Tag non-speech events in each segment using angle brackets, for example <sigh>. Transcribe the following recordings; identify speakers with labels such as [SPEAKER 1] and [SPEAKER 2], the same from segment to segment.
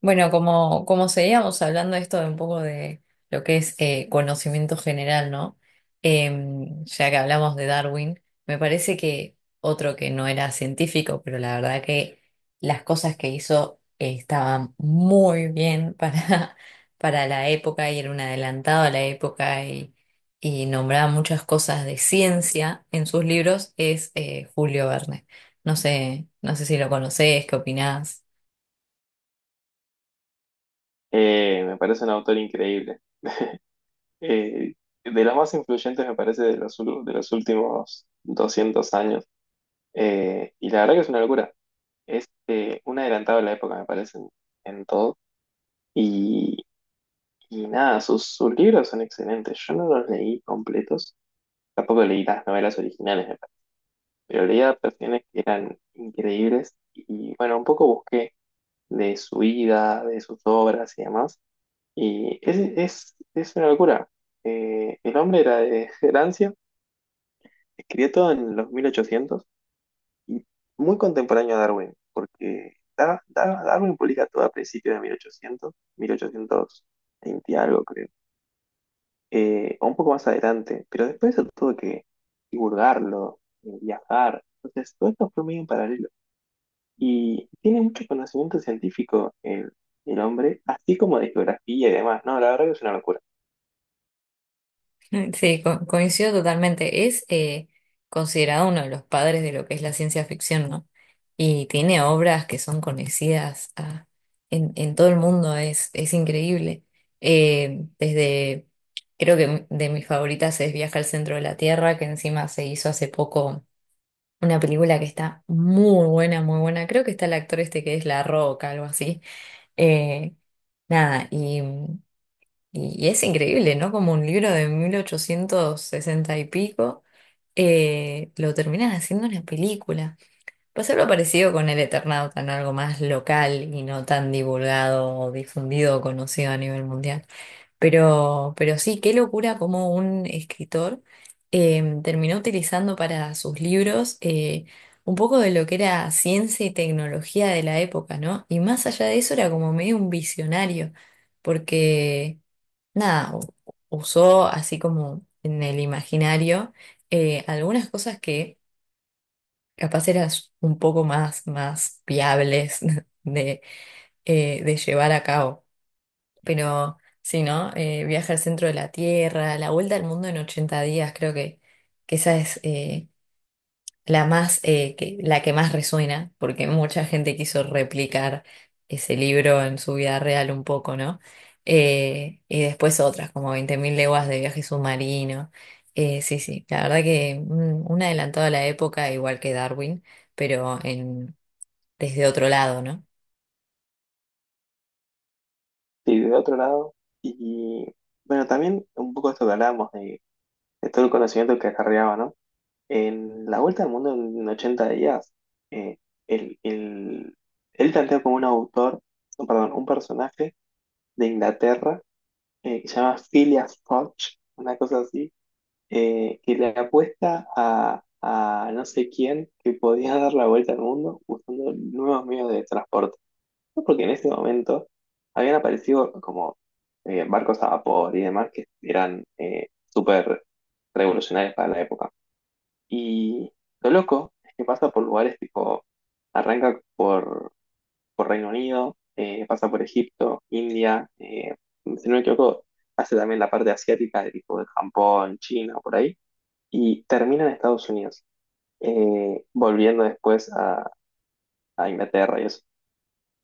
[SPEAKER 1] Bueno, como seguíamos hablando esto de un poco de lo que es conocimiento general, ¿no? Ya que hablamos de Darwin, me parece que otro que no era científico, pero la verdad que las cosas que hizo estaban muy bien para, <laughs> para la época y era un adelantado a la época y nombraba muchas cosas de ciencia en sus libros, es Julio Verne. No sé si lo conocés, qué opinás.
[SPEAKER 2] Me parece un autor increíble. Eh, de los más influyentes, me parece, de los últimos 200 años. Y la verdad que es una locura. Es un adelantado a la época, me parece, en todo. Y, y nada, sus libros son excelentes. Yo no los leí completos. Tampoco leí las novelas originales, me parece. Pero leí adaptaciones que eran increíbles. Y bueno, un poco busqué de su vida, de sus obras y demás. Y es una locura. El hombre era de <laughs> Francia, escribió todo en los 1800 y muy contemporáneo a Darwin, porque Darwin publica todo a principios de 1800, 1820 algo creo, o un poco más adelante, pero después eso tuvo que divulgarlo, viajar, entonces todo esto fue muy en paralelo. Y tiene mucho conocimiento científico el hombre, así como de geografía y demás, ¿no? La verdad que es una locura.
[SPEAKER 1] Mm, sí, coincido totalmente. Es considerado uno de los padres de lo que es la ciencia ficción, ¿no? Y tiene obras que son conocidas en todo el mundo, es increíble. Eh, desde, creo que de mis favoritas es Viaje al centro de la Tierra, que encima se hizo hace poco una película que está muy buena, muy buena. Creo que está el actor este que es La Roca, algo así. Eh, nada, y... mm, Y es increíble, ¿no? Como un libro de 1860 y pico, lo terminan haciendo una película. Pues algo parecido con El Eternauta, ¿no? Algo más local y no tan divulgado o difundido o conocido a nivel mundial. Pero sí, qué locura como un escritor terminó utilizando para sus libros un poco de lo que era ciencia y tecnología de la época, ¿no? Y más allá de eso era como medio un visionario, porque nada, u- usó así como en el imaginario algunas cosas que capaz eran un poco más, más viables <laughs> de, de llevar a cabo. Pero sí, ¿no? Viaje al centro de la Tierra, la vuelta al mundo en 80 días, que esa es... la más, la que más resuena, porque mucha gente quiso replicar ese libro en su vida real un poco, ¿no? Y después otras, como 20.000 leguas de viaje submarino. Sí, sí, la verdad que mm, un adelantado a la época, igual que Darwin, pero desde otro lado, ¿no?
[SPEAKER 2] Sí, de otro lado. Y bueno, también un poco esto que hablábamos de todo el conocimiento que acarreaba, ¿no? En la vuelta al mundo en 80 días, eh, el- el- él plantea como un autor, no, perdón, un personaje de Inglaterra, que se llama Phileas Fogg, una cosa así, que le apuesta a no sé quién que podía <laughs> dar la vuelta al mundo usando nuevos medios de transporte porque en ese momento habían aparecido como barcos a vapor y demás que eran súper revolucionarios para la época. Y lo loco es que pasa por lugares tipo, arranca por Reino Unido, pasa por Egipto, India, si no me equivoco, hace también la parte asiática de tipo de Japón, China, por ahí, y termina en Estados Unidos, volviendo después a Inglaterra y eso.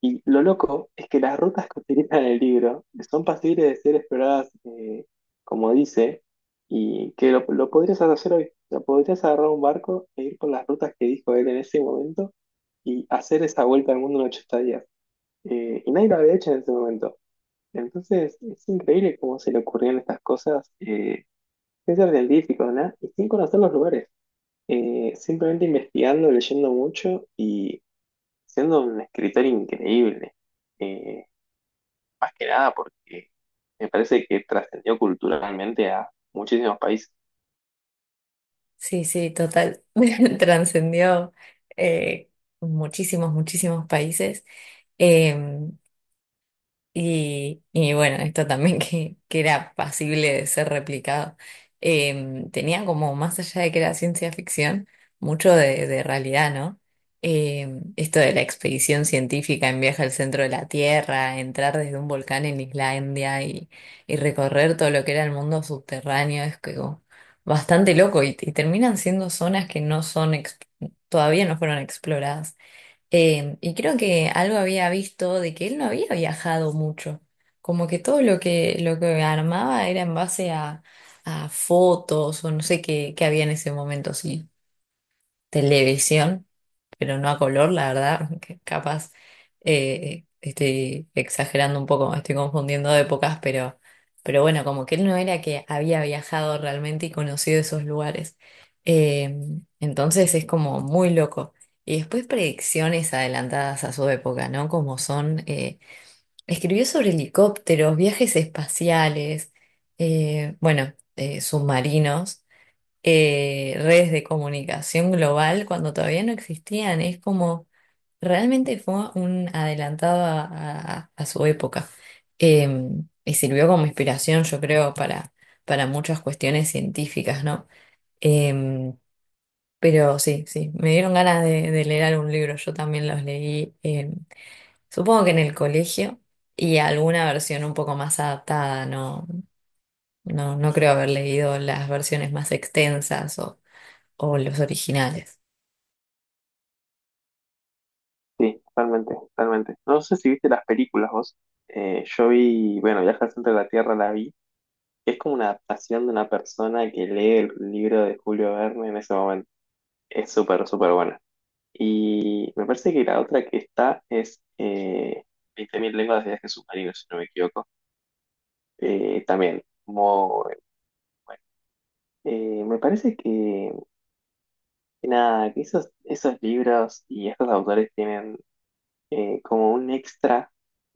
[SPEAKER 2] Y lo loco es que las rutas que utilizan en el libro son pasibles de ser exploradas, como dice, y que lo podrías hacer hoy. O sea, podrías agarrar un barco e ir por las rutas que dijo él en ese momento y hacer esa vuelta al mundo en 80 días. Y nadie lo había hecho en ese momento. Entonces, es increíble cómo se le ocurrieron estas cosas, sin ser científico, ¿no? Y sin conocer los lugares. Simplemente investigando, leyendo mucho y siendo un escritor increíble. Eh, Más que nada porque me parece que trascendió culturalmente a muchísimos países.
[SPEAKER 1] Sí, sí, total. <laughs> Trascendió eh, muchísimos, muchísimos países. Em, y bueno, esto también <laughs> que era pasible de ser replicado. Tenía como, más allá de que era ciencia ficción, mucho de realidad, ¿no? Esto de la expedición científica en viaje al centro de la Tierra, entrar desde un volcán en Islandia y recorrer todo lo que era el mundo subterráneo, es que como bastante loco y terminan siendo zonas que no son, todavía no fueron exploradas. Y creo que algo había visto de que él no había viajado mucho, como que todo lo que armaba era en base a fotos o no sé qué, qué había en ese momento, sí, televisión pero no a color, la verdad, <laughs> que capaz estoy exagerando un poco, estoy confundiendo épocas, pero bueno, como que él no era que había viajado realmente y conocido esos lugares. Eh, entonces es como muy loco. Y después predicciones adelantadas a su época, ¿no? Como son, escribió sobre helicópteros, viajes espaciales, bueno, submarinos redes de comunicación global cuando todavía no existían. Es como, realmente fue un adelantado a su época. Eh, y sirvió como inspiración, yo creo, para muchas cuestiones científicas, ¿no? Eh, pero sí, sí, me dieron ganas de leer algún libro, yo también los leí, supongo que en el colegio. Y alguna versión un poco más adaptada, no, no, no creo haber leído las versiones más extensas o los originales.
[SPEAKER 2] Sí, totalmente, totalmente. No sé si viste las películas vos. Yo vi, bueno, Viaje al centro de la Tierra la vi. Es como una adaptación de una persona que lee el libro de Julio Verne en ese momento. Es súper, súper buena. Y me parece que la otra que está es 20.000 lenguas de viaje submarino, si no me equivoco. También, muy bueno. Me parece que Y nada, que esos libros y estos autores tienen, como un extra,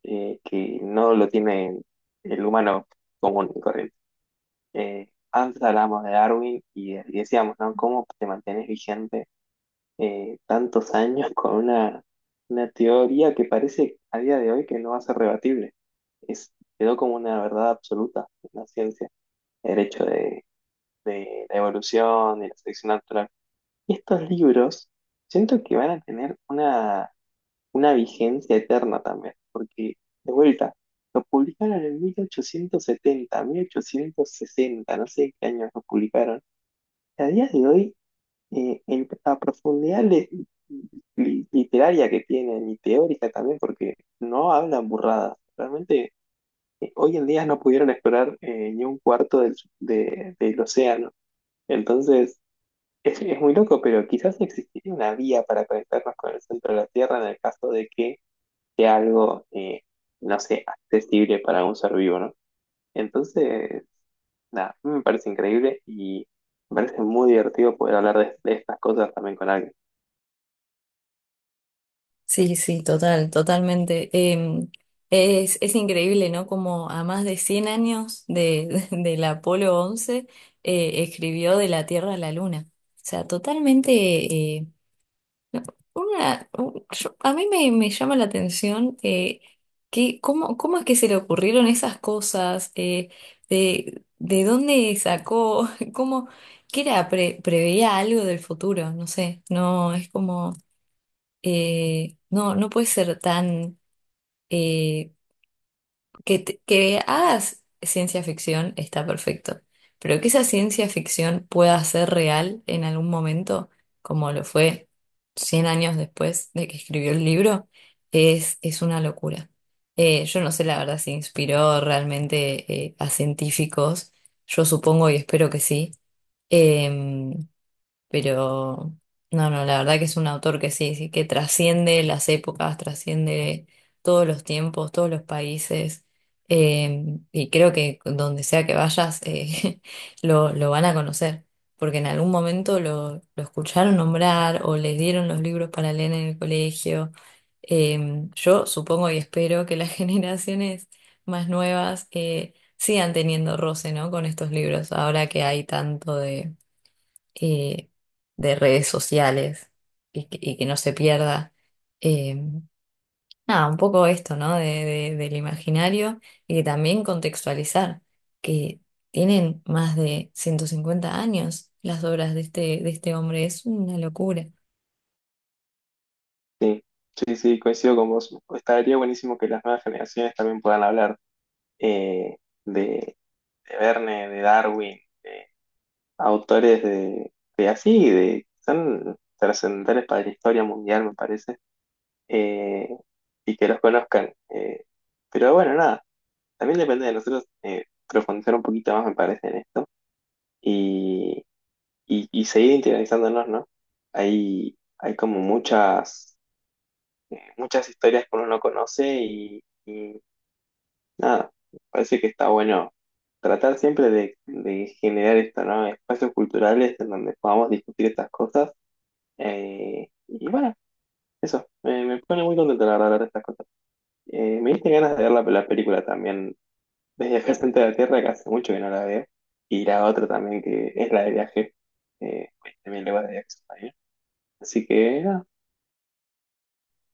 [SPEAKER 2] que no lo tiene el humano común y corriente. Antes hablábamos de Darwin y decíamos, ¿no? ¿Cómo te mantienes vigente, tantos años con una teoría que parece a día de hoy que no va a ser rebatible? Es, quedó como una verdad absoluta en la ciencia, el hecho de la evolución y la selección natural. Y estos libros siento que van a tener una vigencia eterna también, porque de vuelta, lo publicaron en 1870, 1860, no sé qué años lo publicaron. Y a día de hoy, en la profundidad literaria que tienen y teórica también, porque no hablan burradas. Realmente, hoy en día no pudieron explorar, ni un cuarto del océano. Entonces, es muy loco, pero quizás existiría una vía para conectarnos con el centro de la Tierra en el caso de que sea algo, no sé, accesible para un ser vivo, ¿no? Entonces, nada, a mí me parece increíble y me parece muy divertido poder hablar de estas cosas también con alguien.
[SPEAKER 1] Sí, sí, total, totalmente. Es increíble, ¿no? Como a más de 100 años de, <laughs> del Apolo 11 escribió de la Tierra a la Luna. O sea, totalmente... eh, a mí me, me llama la atención que cómo, cómo es que se le ocurrieron esas cosas, de dónde sacó, <laughs> cómo, que era, preveía algo del futuro, no sé, no, es como... no, no puede ser tan... eh, que hagas ciencia ficción está perfecto, pero que esa ciencia ficción pueda ser real en algún momento, como lo fue 100 años después de que escribió el libro, es una locura. Yo no sé la verdad si inspiró realmente a científicos, yo supongo y espero que sí. Em, pero no, no, la verdad que es un autor que sí, sí, que trasciende las épocas, trasciende todos los tiempos, todos los países. Y creo que donde sea que vayas, <laughs> lo van a conocer, porque en algún momento lo escucharon nombrar o les dieron los libros para leer en el colegio. Yo supongo y espero que las <laughs> generaciones más nuevas sigan teniendo roce, ¿no? Con estos libros, ahora que hay tanto eh, de redes sociales y que no se pierda. Eh, nada, un poco esto, ¿no? Del imaginario y que también contextualizar que tienen más de 150 años las obras de este hombre. Es una locura.
[SPEAKER 2] Sí, sí, sí, coincido con vos. Estaría buenísimo que las nuevas generaciones también puedan hablar, eh, de, de Verne, de Darwin, de autores de así, de son trascendentales para la historia mundial, me parece. eh, y que los conozcan. Pero bueno, nada, también depende de nosotros, profundizar un poquito más, me parece, en esto y, y seguir interiorizándonos, ¿no? Hay como muchas, muchas historias que uno no conoce y nada, me parece que está bueno tratar siempre de generar esto, ¿no? Espacios culturales en donde podamos discutir estas cosas. Y bueno, eso, me pone muy contento la verdad hablar de estas cosas. Me diste ganas de ver la película también. Desde acá al Centro de la Tierra, que hace mucho que no la veo. Y la otra también, que es la de viaje. Pues, también le va de viaje a España. Así que, nada,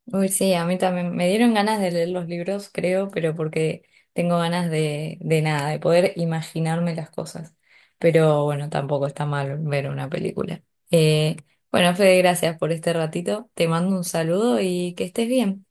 [SPEAKER 1] Uy, sí, a mí también me dieron ganas de leer los libros, creo, pero porque tengo ganas de nada, de poder imaginarme las cosas. Pero bueno, tampoco está mal ver una película. Eh, bueno, Fede, gracias por este ratito. Te mando un saludo y que estés bien.